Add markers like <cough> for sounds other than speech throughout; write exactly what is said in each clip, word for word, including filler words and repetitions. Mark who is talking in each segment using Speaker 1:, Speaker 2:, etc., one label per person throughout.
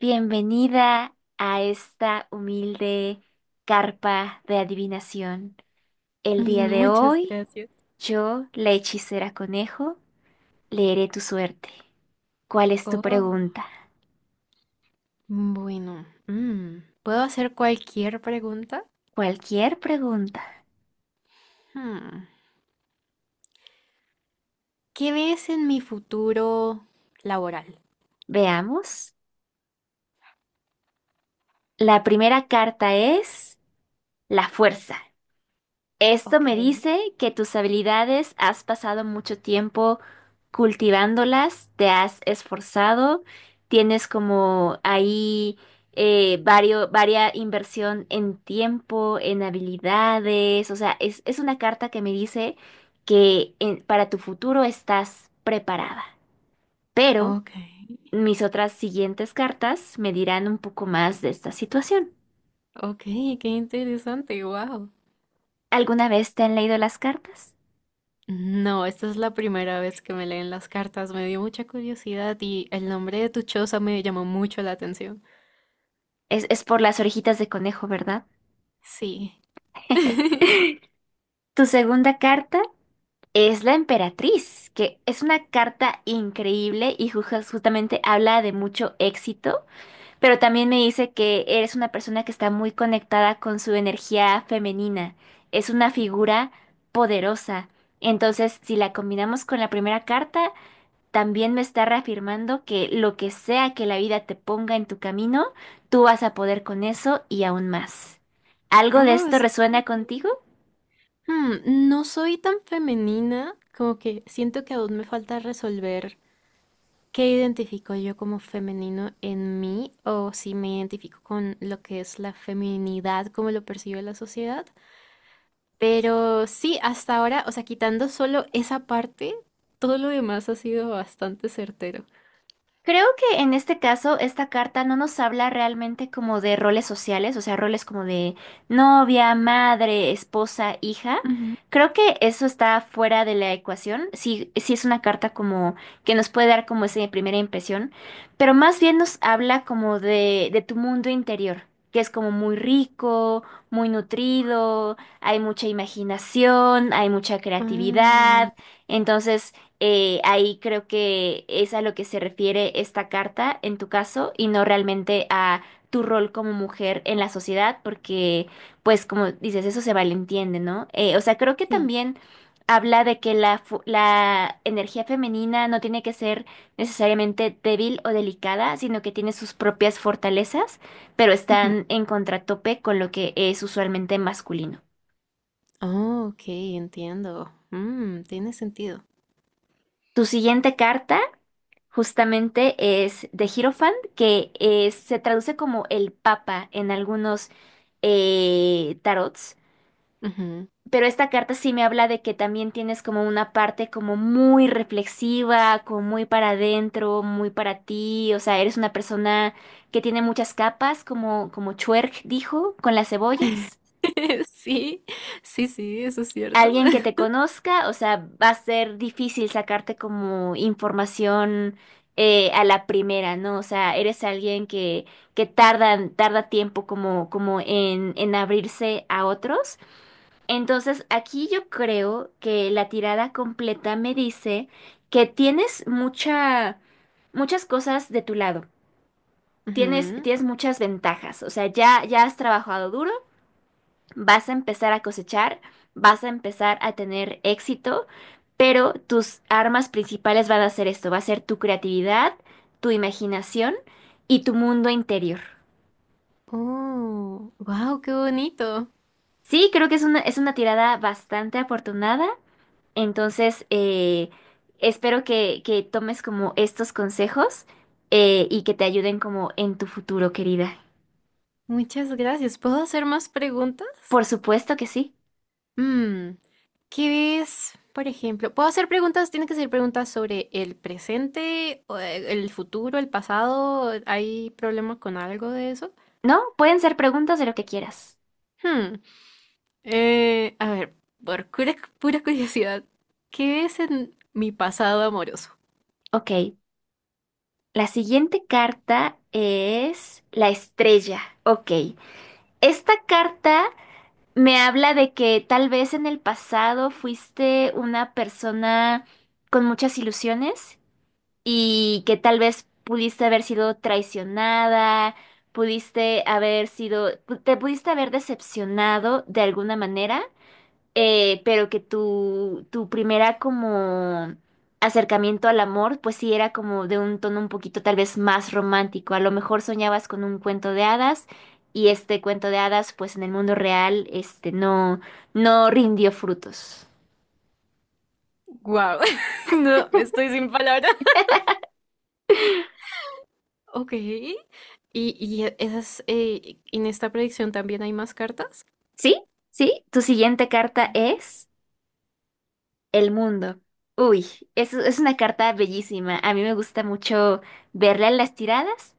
Speaker 1: Bienvenida a esta humilde carpa de adivinación.
Speaker 2: <laughs>
Speaker 1: El día de
Speaker 2: Muchas
Speaker 1: hoy,
Speaker 2: gracias.
Speaker 1: yo, la hechicera conejo, leeré tu suerte. ¿Cuál es tu
Speaker 2: Oh,
Speaker 1: pregunta?
Speaker 2: bueno. mm, ¿Puedo hacer cualquier pregunta?
Speaker 1: Cualquier pregunta.
Speaker 2: Hmm, ¿Qué ves en mi futuro laboral?
Speaker 1: Veamos. La primera carta es la fuerza. Esto
Speaker 2: Ok,
Speaker 1: me dice que tus habilidades has pasado mucho tiempo cultivándolas, te has esforzado, tienes como ahí eh, vario- varia inversión en tiempo, en habilidades, o sea, es, es una carta que me dice que en- para tu futuro estás preparada. Pero
Speaker 2: ok,
Speaker 1: mis otras siguientes cartas me dirán un poco más de esta situación.
Speaker 2: ok, qué interesante, wow.
Speaker 1: ¿Alguna vez te han leído las cartas?
Speaker 2: No, esta es la primera vez que me leen las cartas. Me dio mucha curiosidad y el nombre de tu choza me llamó mucho la atención.
Speaker 1: Es, es por las orejitas de conejo, ¿verdad?
Speaker 2: Sí. <laughs>
Speaker 1: Tu segunda carta es la emperatriz, que es una carta increíble y ju- justamente habla de mucho éxito, pero también me dice que eres una persona que está muy conectada con su energía femenina. Es una figura poderosa. Entonces, si la combinamos con la primera carta, también me está reafirmando que lo que sea que la vida te ponga en tu camino, tú vas a poder con eso y aún más. ¿Algo de
Speaker 2: Oh,
Speaker 1: esto
Speaker 2: eso suena
Speaker 1: resuena contigo?
Speaker 2: increíble. Hmm, no soy tan femenina, como que siento que aún me falta resolver ¿qué identifico yo como femenino en mí o si me identifico con lo que es la feminidad, como lo percibe la sociedad? Pero sí, hasta ahora, o sea, quitando solo esa parte, todo lo demás ha sido bastante certero.
Speaker 1: Creo que en este caso esta carta no nos habla realmente como de roles sociales, o sea, roles como de novia, madre, esposa, hija.
Speaker 2: Ujú.
Speaker 1: Creo que eso está fuera de la ecuación. Sí, sí es una carta como que nos puede dar como esa primera impresión, pero más bien nos habla como de, de tu mundo interior, que es como muy rico, muy nutrido, hay mucha imaginación, hay mucha
Speaker 2: Ah,
Speaker 1: creatividad. Entonces eh, ahí creo que es a lo que se refiere esta carta en tu caso y no realmente a tu rol como mujer en la sociedad, porque pues como dices, eso se malentiende, ¿no? Eh, o sea, creo que
Speaker 2: sí.
Speaker 1: también habla de que la, fu- la energía femenina no tiene que ser necesariamente débil o delicada, sino que tiene sus propias fortalezas, pero
Speaker 2: Ujú.
Speaker 1: están en contratope con lo que es usualmente masculino.
Speaker 2: Oh, ok, entiendo. Mm, tiene sentido.
Speaker 1: Tu siguiente carta justamente es de Hierophant, que es- se traduce como el Papa en algunos eh, tarots.
Speaker 2: Ujú.
Speaker 1: Pero esta carta sí me habla de que también tienes como una parte como muy reflexiva, como muy para adentro, muy para ti. O sea, eres una persona que tiene muchas capas, como, como Chuerg dijo, con las cebollas.
Speaker 2: <laughs> Sí, sí, sí, eso es cierto.
Speaker 1: Alguien que te
Speaker 2: <laughs>
Speaker 1: conozca, o sea, va a ser difícil sacarte como información eh, a la primera, ¿no? O sea, eres alguien que, que tarda, tarda tiempo como, como en, en abrirse a otros. Entonces, aquí yo creo que la tirada completa me dice que tienes mucha, muchas cosas de tu lado. Tienes,
Speaker 2: Ujú.
Speaker 1: tienes muchas ventajas, o sea, ya, ya has trabajado duro, vas a empezar a cosechar, vas a empezar a tener éxito, pero tus armas principales van a ser esto, va a ser tu creatividad, tu imaginación y tu mundo interior.
Speaker 2: Oh, wow, qué bonito.
Speaker 1: Sí, creo que es una, es una tirada bastante afortunada, entonces eh, espero que, que tomes como estos consejos, eh, y que te ayuden como en tu futuro, querida.
Speaker 2: Muchas gracias. ¿Puedo hacer más preguntas?
Speaker 1: Por supuesto que sí.
Speaker 2: Mm, ¿qué es, por ejemplo? ¿Puedo hacer preguntas? ¿Tienen que ser preguntas sobre el presente, o, eh, el futuro, el pasado? ¿Hay problema con algo de eso?
Speaker 1: No, pueden ser preguntas de lo que quieras.
Speaker 2: Hmm, eh, a ver, por pura, pura curiosidad, ¿qué es en mi pasado amoroso?
Speaker 1: Ok. La siguiente carta es la estrella. Ok. Esta carta me habla de que tal vez en el pasado fuiste una persona con muchas ilusiones y que tal vez pudiste haber sido traicionada, pudiste haber sido, te pudiste haber decepcionado de alguna manera, eh, pero que tu, tu primera como acercamiento al amor, pues sí era como de un tono un poquito tal vez más romántico. A lo mejor soñabas con un cuento de hadas y este cuento de hadas, pues en el mundo real, este no, no rindió frutos.
Speaker 2: Wow, <laughs> no, estoy sin palabras. Ok. ¿Y, y esas, eh, en esta predicción también hay más cartas?
Speaker 1: ¿Sí? ¿Sí? Tu siguiente carta
Speaker 2: Sí.
Speaker 1: es el mundo. Uy, es, es una carta bellísima. A mí me gusta mucho verla en las tiradas.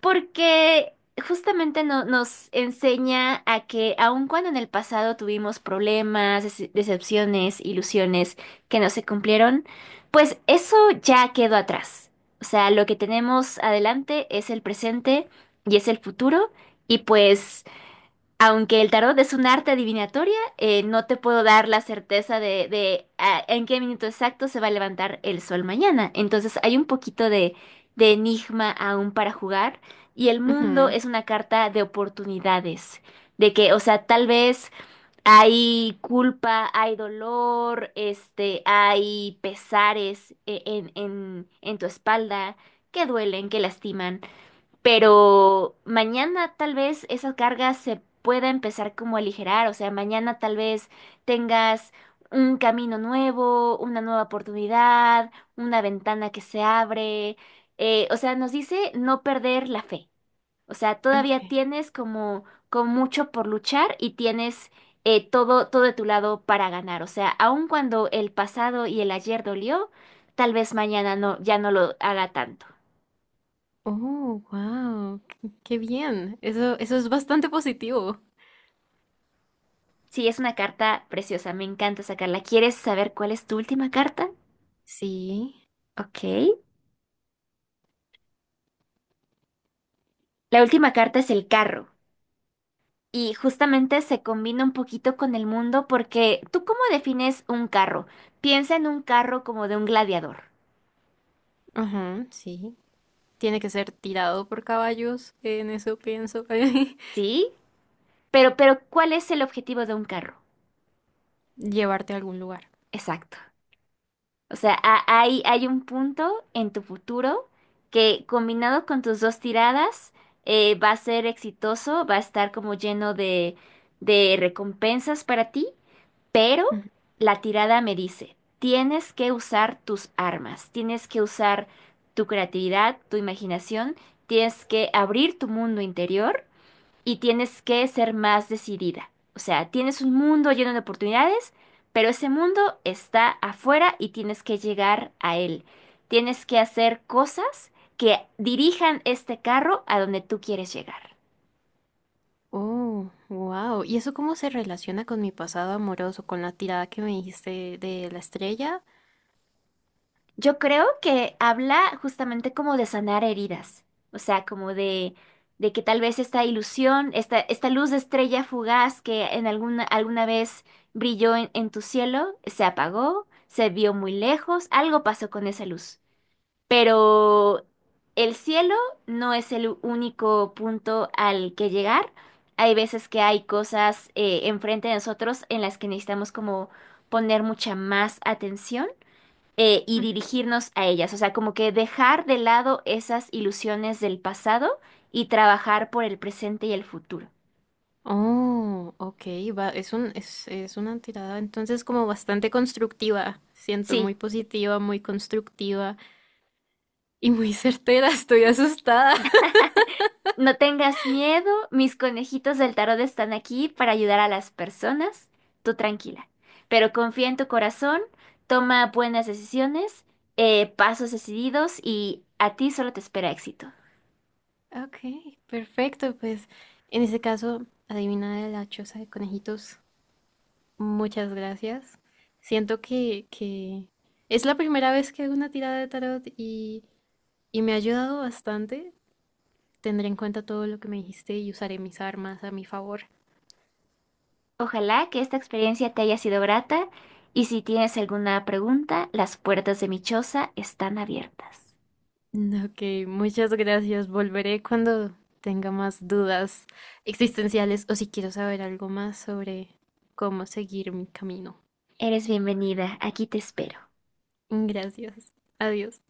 Speaker 1: Porque justamente no- nos enseña a que aun cuando en el pasado tuvimos problemas, dece- decepciones, ilusiones que no se cumplieron, pues eso ya quedó atrás. O sea, lo que tenemos adelante es el presente y es el futuro, y pues aunque el tarot es un arte adivinatoria, eh, no te puedo dar la certeza de, de, ah, en qué minuto exacto se va a levantar el sol mañana. Entonces hay un poquito de, de enigma aún para jugar, y el mundo
Speaker 2: Ujú.
Speaker 1: es una carta de oportunidades. De que, o sea, tal vez hay culpa, hay dolor, este, hay pesares, eh, en, en, en tu espalda que duelen, que lastiman. Pero mañana tal vez esa carga se pueda empezar como a aligerar, o sea, mañana tal vez tengas un camino nuevo, una nueva oportunidad, una ventana que se abre. Eh, o sea, nos dice no perder la fe. O sea, todavía
Speaker 2: Ok.
Speaker 1: tienes como, como mucho por luchar y tienes, eh, todo, todo de tu lado para ganar. O sea, aun cuando el pasado y el ayer dolió, tal vez mañana no, ya no lo hará tanto.
Speaker 2: Oh, wow, qué bien. Eso, eso es bastante positivo.
Speaker 1: Sí, es una carta preciosa, me encanta sacarla. ¿Quieres saber cuál es tu última carta?
Speaker 2: Sí,
Speaker 1: Ok. La última carta es el carro. Y justamente se combina un poquito con el mundo porque ¿tú cómo defines un carro? Piensa en un carro como de un gladiador,
Speaker 2: ajá, sí. Tiene que ser tirado por caballos, en eso pienso. <laughs>
Speaker 1: ¿sí? Pero, pero, ¿cuál es el objetivo de un carro?
Speaker 2: Llevarte a algún lugar.
Speaker 1: Exacto. O sea, ha- hay, hay un punto en tu futuro que combinado con tus dos tiradas, eh, va a ser exitoso, va a estar como lleno de, de recompensas para ti, pero
Speaker 2: Ujú.
Speaker 1: la tirada me dice, tienes que usar tus armas, tienes que usar tu creatividad, tu imaginación, tienes que abrir tu mundo interior y tienes que ser más decidida. O sea, tienes un mundo lleno de oportunidades, pero ese mundo está afuera y tienes que llegar a él. Tienes que hacer cosas que dirijan este carro a donde tú quieres llegar.
Speaker 2: Oh, wow. ¿Y eso cómo se relaciona con mi pasado amoroso, con la tirada que me dijiste de la estrella?
Speaker 1: Yo creo que habla justamente como de sanar heridas, o sea, como de, de que tal vez esta ilusión, esta, esta luz de estrella fugaz que en alguna, alguna vez brilló en, en tu cielo, se apagó, se vio muy lejos, algo pasó con esa luz. Pero el cielo no es el único punto al que llegar. Hay veces que hay cosas, eh, enfrente de nosotros en las que necesitamos como poner mucha más atención, eh, y
Speaker 2: Ujú.
Speaker 1: dirigirnos a ellas, o sea, como que dejar de lado esas ilusiones del pasado y trabajar por el presente y el futuro.
Speaker 2: Oh, ok, va, es un, es, es una tirada entonces como bastante constructiva. Siento
Speaker 1: Sí,
Speaker 2: muy positiva, muy constructiva y muy certera. <laughs> Estoy asustada.
Speaker 1: no tengas miedo, mis conejitos del tarot están aquí para ayudar a las personas, tú tranquila, pero confía en tu corazón, toma buenas decisiones, eh, pasos decididos y a ti solo te espera éxito.
Speaker 2: Ok, perfecto. Pues en ese caso, adivina de la choza de conejitos. Muchas gracias. Siento que, que es la primera vez que hago una tirada de tarot y, y me ha ayudado bastante. Tendré en cuenta todo lo que me dijiste y usaré mis armas a mi favor.
Speaker 1: Ojalá que esta experiencia te haya sido grata y si tienes alguna pregunta, las puertas de mi choza están abiertas.
Speaker 2: Ok, muchas gracias. Volveré cuando tenga más dudas existenciales o si quiero saber algo más sobre cómo seguir mi camino.
Speaker 1: Eres bienvenida, aquí te espero.
Speaker 2: Gracias. Adiós.